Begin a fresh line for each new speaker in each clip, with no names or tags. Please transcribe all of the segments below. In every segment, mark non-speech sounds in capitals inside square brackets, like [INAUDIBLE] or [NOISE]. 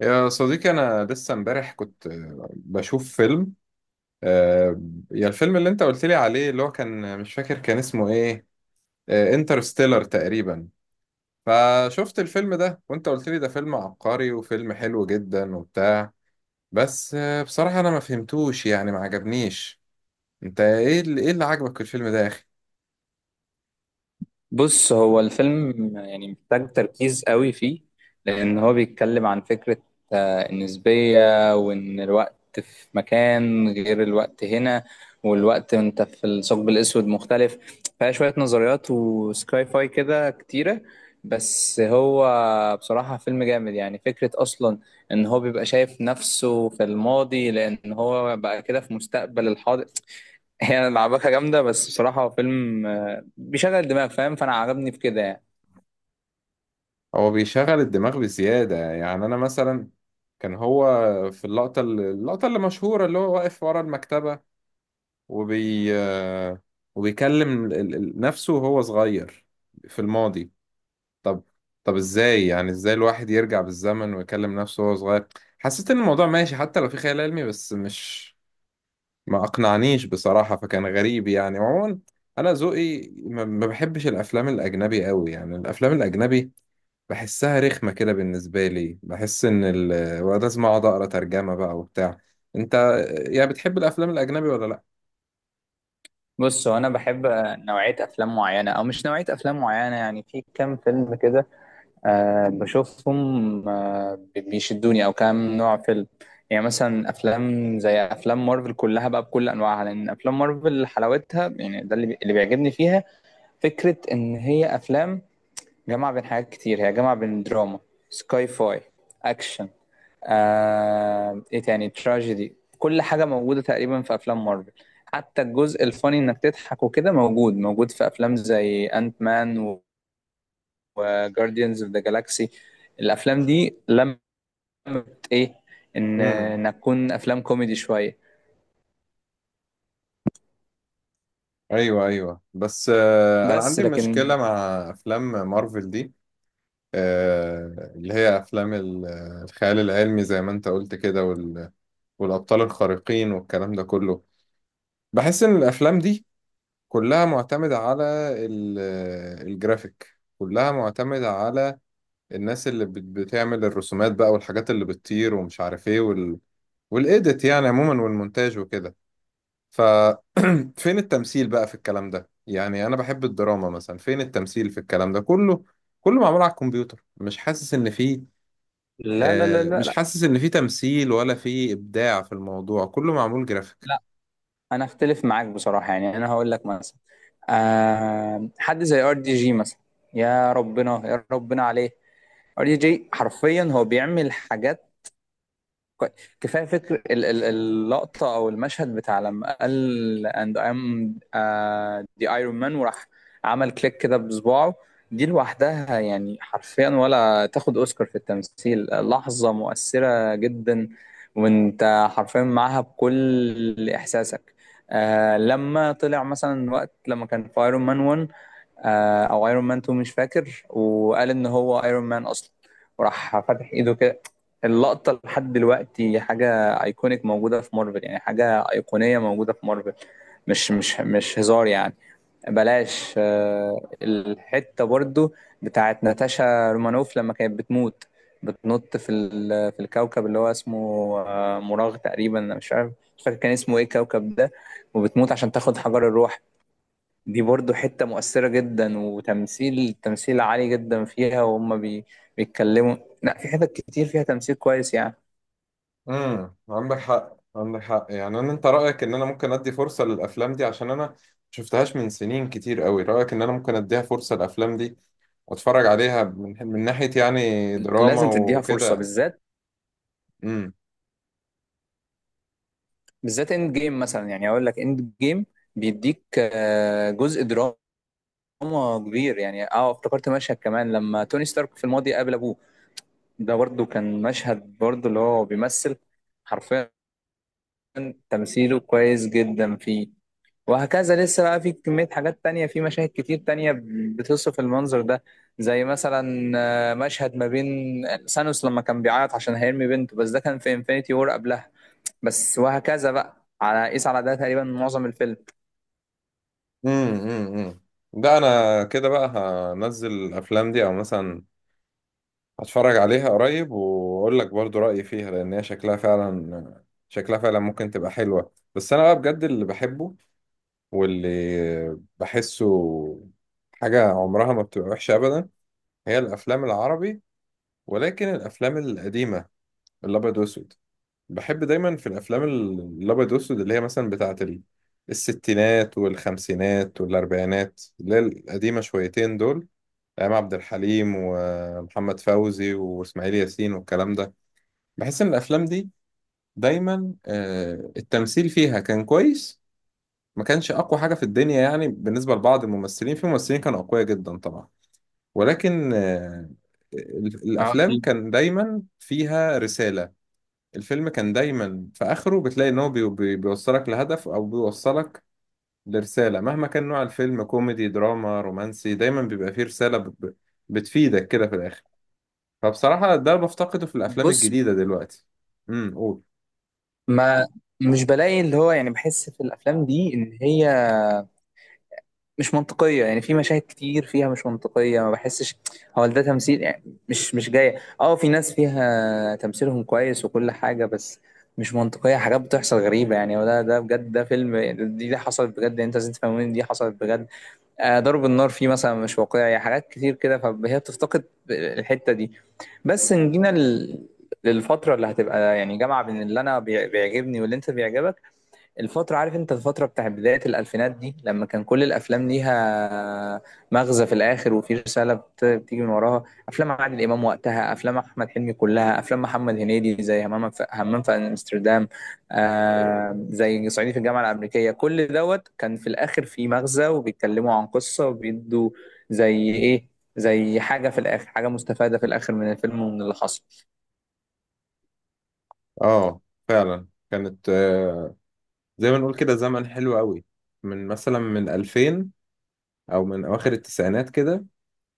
يا صديقي أنا لسه امبارح كنت بشوف فيلم آه، يا الفيلم اللي أنت قلت لي عليه اللي هو كان مش فاكر كان اسمه إيه. انترستيلر تقريبا. فشفت الفيلم ده وأنت قلت لي ده فيلم عبقري وفيلم حلو جدا وبتاع. بس بصراحة أنا ما فهمتوش يعني ما عجبنيش. أنت إيه اللي عجبك في الفيلم ده يا أخي؟
بص، هو الفيلم يعني محتاج تركيز قوي فيه، لأن هو بيتكلم عن فكرة النسبية وإن الوقت في مكان غير الوقت هنا، والوقت وأنت في الثقب الأسود مختلف. فيها شوية نظريات وسكاي فاي كده كتيرة. بس هو بصراحة فيلم جامد، يعني فكرة أصلا إن هو بيبقى شايف نفسه في الماضي لأن هو بقى كده في مستقبل الحاضر، هي لعبكة جامدة. بس بصراحة هو فيلم بيشغل الدماغ، فاهم؟ فأنا عجبني في كده يعني.
هو بيشغل الدماغ بزيادة. يعني أنا مثلا كان هو في اللقطة اللي مشهورة اللي هو واقف ورا المكتبة، وبي آه، وبيكلم نفسه وهو صغير في الماضي. طب طب ازاي، يعني ازاي الواحد يرجع بالزمن ويكلم نفسه وهو صغير؟ حسيت ان الموضوع ماشي حتى لو في خيال علمي، بس مش ما اقنعنيش بصراحة، فكان غريب يعني. وعموما انا ذوقي ما بحبش الافلام الاجنبي قوي. يعني الافلام الاجنبي بحسها رخمة كده، بالنسبة لي بحس ان ال... ولازم اقعد اقرا ترجمة بقى وبتاع. انت يعني بتحب الافلام الاجنبي ولا لا؟
بص، هو أنا بحب نوعية أفلام معينة أو مش نوعية أفلام معينة، يعني في كام فيلم كده بشوفهم بيشدوني، أو كام نوع فيلم. يعني مثلا أفلام زي أفلام مارفل كلها بقى بكل أنواعها، لأن أفلام مارفل حلاوتها يعني ده اللي بيعجبني فيها. فكرة إن هي أفلام جامعة بين حاجات كتير، هي جامعة بين دراما، سكاي فاي، أكشن، ايه تاني، تراجيدي، كل حاجه موجوده تقريبا في افلام مارفل. حتى الجزء الفاني، انك تضحك وكده، موجود في افلام زي انت مان وجارديانز اوف ذا جالاكسي. الافلام دي لمت ايه؟ ان
امم
انك تكون افلام كوميدي شويه
ايوه ايوه، بس انا
بس.
عندي
لكن
مشكله مع افلام مارفل دي. اللي هي افلام الخيال العلمي زي ما انت قلت كده، والابطال الخارقين والكلام ده كله. بحس ان الافلام دي كلها معتمده على الجرافيك، كلها معتمده على الناس اللي بتعمل الرسومات بقى والحاجات اللي بتطير ومش عارف ايه وال... والايديت يعني عموما، والمونتاج وكده. ف فين التمثيل بقى في الكلام ده؟ يعني انا بحب الدراما مثلا، فين التمثيل في الكلام ده كله؟ كله معمول على الكمبيوتر، مش حاسس ان فيه
لا لا لا لا
مش
لا
حاسس ان فيه تمثيل ولا فيه ابداع في الموضوع، كله معمول جرافيك.
لا، انا اختلف معاك بصراحه. يعني انا هقول لك مثلا، آه، حد زي ار دي جي مثلا. يا ربنا يا ربنا عليه! ار دي جي حرفيا هو بيعمل حاجات. كوي- كفايه فكر اللقطه او المشهد بتاع لما قال and I'm the Iron Man وراح عمل كليك كده بصباعه. دي لوحدها يعني حرفيا ولا تاخد اوسكار في التمثيل، لحظه مؤثره جدا وانت حرفيا معاها بكل احساسك. آه لما طلع مثلا، وقت لما كان في ايرون مان 1 آه، او ايرون مان 2، مش فاكر، وقال ان هو ايرون مان اصلا وراح فاتح ايده كده. اللقطة لحد دلوقتي حاجة ايكونيك موجودة في مارفل، يعني حاجة ايقونية موجودة في مارفل. مش هزار يعني. بلاش الحتة برضو بتاعت ناتاشا رومانوف لما كانت بتموت، بتنط في في الكوكب اللي هو اسمه مراغ تقريبا، انا مش عارف، مش فاكر كان اسمه ايه الكوكب ده، وبتموت عشان تاخد حجر الروح. دي برضو حتة مؤثرة جدا، وتمثيل تمثيل عالي جدا فيها وهم بيتكلموا. لا، في حتت كتير فيها تمثيل كويس يعني.
عندك حق، عندك حق. يعني انا انت رايك ان انا ممكن ادي فرصه للافلام دي؟ عشان انا شفتهاش من سنين كتير قوي. رايك ان انا ممكن اديها فرصه للافلام دي واتفرج عليها من, من ناحيه يعني دراما
لازم تديها فرصه،
وكده؟
بالذات بالذات اند جيم مثلا. يعني اقول لك اند جيم بيديك جزء دراما كبير. يعني اه افتكرت مشهد كمان، لما توني ستارك في الماضي قابل ابوه، ده برضو كان مشهد برضو اللي هو بيمثل حرفيا، تمثيله كويس جدا فيه. وهكذا، لسه بقى في كمية حاجات تانية في مشاهد كتير تانية بتصف المنظر ده. زي مثلا مشهد ما بين سانوس لما كان بيعيط عشان هيرمي بنته، بس ده كان في انفينيتي وور قبلها. بس وهكذا بقى، على قيس على ده تقريبا معظم الفيلم.
امم امم ده انا كده بقى هنزل الافلام دي، او مثلا هتفرج عليها قريب واقول لك برضو رايي فيها، لان هي شكلها فعلا، شكلها فعلا ممكن تبقى حلوه. بس انا بقى بجد اللي بحبه واللي بحسه حاجه عمرها ما بتبقى وحشه ابدا، هي الافلام العربي، ولكن الافلام القديمه الابيض واسود. بحب دايما في الافلام الابيض والاسود اللي هي مثلا بتاعه الستينات والخمسينات والاربعينات، اللي هي القديمه شويتين دول، ايام عبد الحليم ومحمد فوزي واسماعيل ياسين والكلام ده. بحس ان الافلام دي دايما التمثيل فيها كان كويس، ما كانش اقوى حاجه في الدنيا يعني بالنسبه لبعض الممثلين، في ممثلين كانوا اقوياء جدا طبعا، ولكن
اه
الافلام
اكيد.
كان دايما فيها رساله. الفيلم كان دايما في اخره بتلاقي ان هو بي بي بيوصلك لهدف او بيوصلك لرسالة، مهما كان نوع الفيلم كوميدي دراما رومانسي، دايما بيبقى فيه رسالة بتفيدك كده في الاخر. فبصراحة ده بفتقده في الافلام
بص،
الجديدة دلوقتي. قول.
ما مش بلاقي اللي هو، يعني بحس في الافلام دي ان هي مش منطقيه، يعني في مشاهد كتير فيها مش منطقيه. ما بحسش هو ده تمثيل يعني، مش جايه. اه في ناس فيها تمثيلهم كويس وكل حاجه، بس مش منطقيه، حاجات بتحصل غريبه يعني. وده ده بجد، ده فيلم يعني، دي حصلت بجد، انت لازم تفهموني دي حصلت بجد. ضرب النار فيه مثلا مش واقعي، حاجات كتير كده، فهي بتفتقد الحتة دي. بس نجينا للفترة اللي هتبقى يعني جامعة بين اللي أنا بيعجبني واللي أنت بيعجبك. الفترة، عارف انت الفترة بتاع بداية الألفينات دي، لما كان كل الأفلام ليها مغزى في الآخر وفي رسالة بتيجي من وراها. أفلام عادل إمام وقتها، أفلام أحمد حلمي كلها، أفلام محمد هنيدي زي همام في همام في أمستردام، آه زي صعيدي في الجامعة الأمريكية، كل دوت كان في الآخر في مغزى وبيتكلموا عن قصة وبيدوا زي إيه، زي حاجة في الآخر، حاجة مستفادة في الآخر من الفيلم ومن اللي حصل.
اه فعلا كانت زي ما نقول كده زمن حلو قوي، من مثلا من 2000 او من اواخر التسعينات كده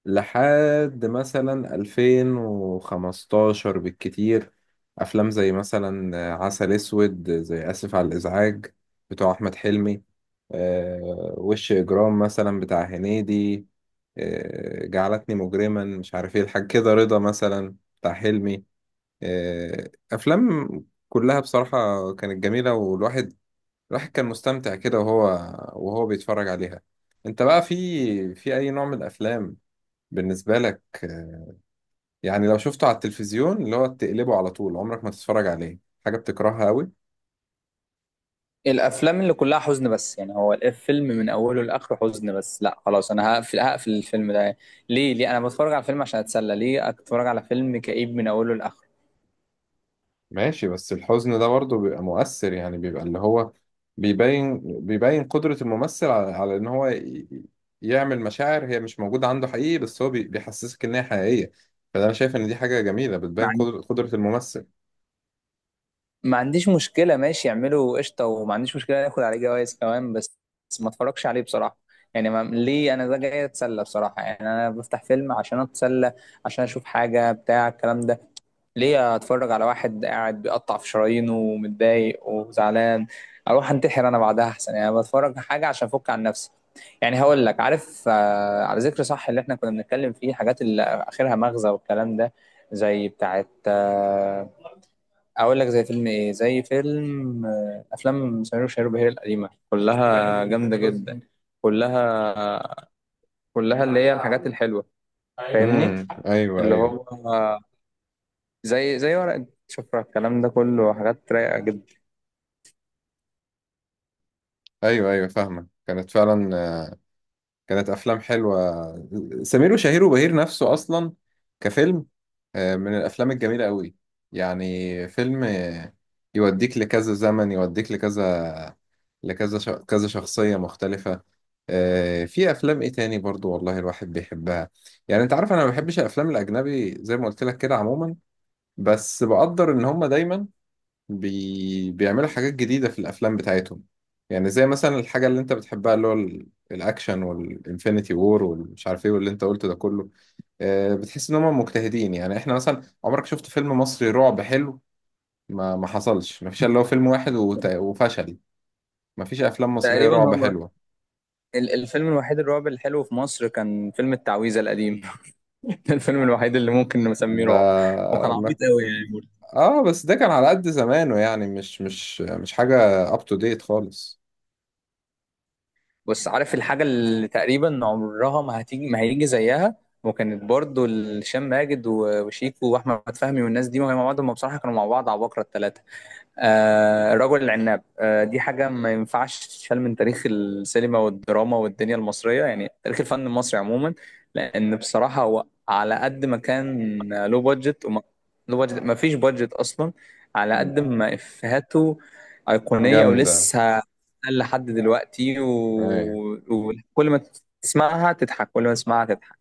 لحد مثلا 2015 بالكتير. أفلام زي مثلا عسل أسود، زي آسف على الإزعاج بتوع أحمد حلمي، وش إجرام مثلا بتاع هنيدي، جعلتني مجرما، مش عارف إيه الحاجة كده، رضا مثلا بتاع حلمي، أفلام كلها بصراحة كانت جميلة، والواحد كان مستمتع كده وهو بيتفرج عليها. أنت بقى في أي نوع من الأفلام بالنسبة لك يعني لو شفته على التلفزيون اللي هو تقلبه على طول عمرك ما تتفرج عليه، حاجة بتكرهها قوي؟
الافلام اللي كلها حزن بس، يعني هو الفيلم من اوله لاخره حزن بس، لا خلاص، انا هقفل، الفيلم ده. ليه ليه انا بتفرج على فيلم؟ عشان اتسلى. ليه اتفرج على فيلم كئيب من اوله لاخره؟
ماشي، بس الحزن ده برضه بيبقى مؤثر. يعني بيبقى اللي هو بيبين بيبين قدرة الممثل على, على إن هو يعمل مشاعر هي مش موجودة عنده حقيقي، بس هو بيحسسك إن هي حقيقية. فده أنا شايف إن دي حاجة جميلة
ما
بتبين
عن-
قدرة الممثل.
ما عنديش مشكله، ماشي يعملوا قشطه، وما عنديش مشكله ياخد عليه جوائز كمان، بس بس ما اتفرجش عليه بصراحه. يعني ما ليه؟ انا ده جاي اتسلى بصراحه، يعني انا بفتح فيلم عشان اتسلى، عشان اشوف حاجه بتاع الكلام ده. ليه اتفرج على واحد قاعد بيقطع في شرايينه ومتضايق وزعلان؟ اروح انتحر انا بعدها احسن يعني. بتفرج حاجه عشان افك عن نفسي. يعني هقول لك، عارف، على ذكر صح، اللي احنا كنا بنتكلم فيه، حاجات اللي اخرها مغزى والكلام ده، زي بتاعت اقول لك زي فيلم ايه، زي فيلم افلام سمير وشهير وبهير القديمه، كلها جامده جدا، كلها كلها اللي هي الحاجات الحلوه. فاهمني؟
أيوه
اللي
أيوه.
هو زي زي ورقة شفرة، الكلام ده كله، حاجات رايقة جدا.
أيوه أيوه، فاهمة، كانت فعلا كانت افلام حلوه. سمير وشهير وبهير نفسه اصلا كفيلم من الافلام الجميله قوي. يعني فيلم يوديك لكذا زمن، يوديك كذا شخصيه مختلفه. في افلام ايه تاني برضو والله الواحد بيحبها. يعني انت عارف انا ما بحبش الافلام الاجنبي زي ما قلت لك كده عموما، بس بقدر ان هم دايما بيعملوا حاجات جديدة في الأفلام بتاعتهم. يعني زي مثلا الحاجة اللي أنت بتحبها اللي هو الأكشن والإنفينيتي وور والمش عارف إيه واللي أنت قلته ده كله. بتحس إن هم مجتهدين. يعني إحنا مثلا عمرك شفت فيلم مصري رعب حلو؟ ما حصلش، ما فيش إلا هو فيلم واحد وفشل. ما فيش أفلام مصرية
تقريبا
رعب
هو
حلوة.
الفيلم الوحيد الرعب الحلو في مصر كان فيلم التعويذة القديم. [LAUGHS] ده الفيلم الوحيد اللي ممكن نسميه
ده
رعب، وكان
ما...
عبيط قوي يعني برضه.
آه بس ده كان على قد زمانه، يعني مش مش حاجة up to date خالص.
بس عارف الحاجة اللي تقريبا عمرها ما هتيجي، ما هيجي زيها، وكانت برضه هشام ماجد وشيكو واحمد فهمي والناس دي، وهي مع بعض، هم بصراحة كانوا مع بعض عباقرة الثلاثة. آه رجل العناب، آه، دي حاجة ما ينفعش تتشال من تاريخ السينما والدراما والدنيا المصرية، يعني تاريخ الفن المصري عموما. لأن بصراحة هو على قد ما كان، لو بادجت، ما فيش بادجت أصلا، على قد ما إفيهاته أيقونية
جامدة،
ولسه لحد دلوقتي،
أيوة.
وكل ما تسمعها تضحك، كل ما تسمعها تضحك.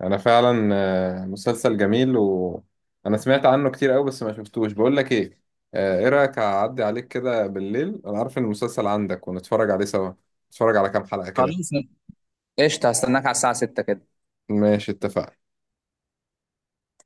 انا فعلا مسلسل جميل وانا سمعت عنه كتير قوي بس ما شفتوش. بقول لك ايه، ايه رايك اعدي عليك كده بالليل، انا عارف ان المسلسل عندك، ونتفرج عليه سوا، نتفرج على كام حلقة كده؟
خلاص، قشطة، هستناك على الساعة 6 كده.
ماشي، اتفقنا.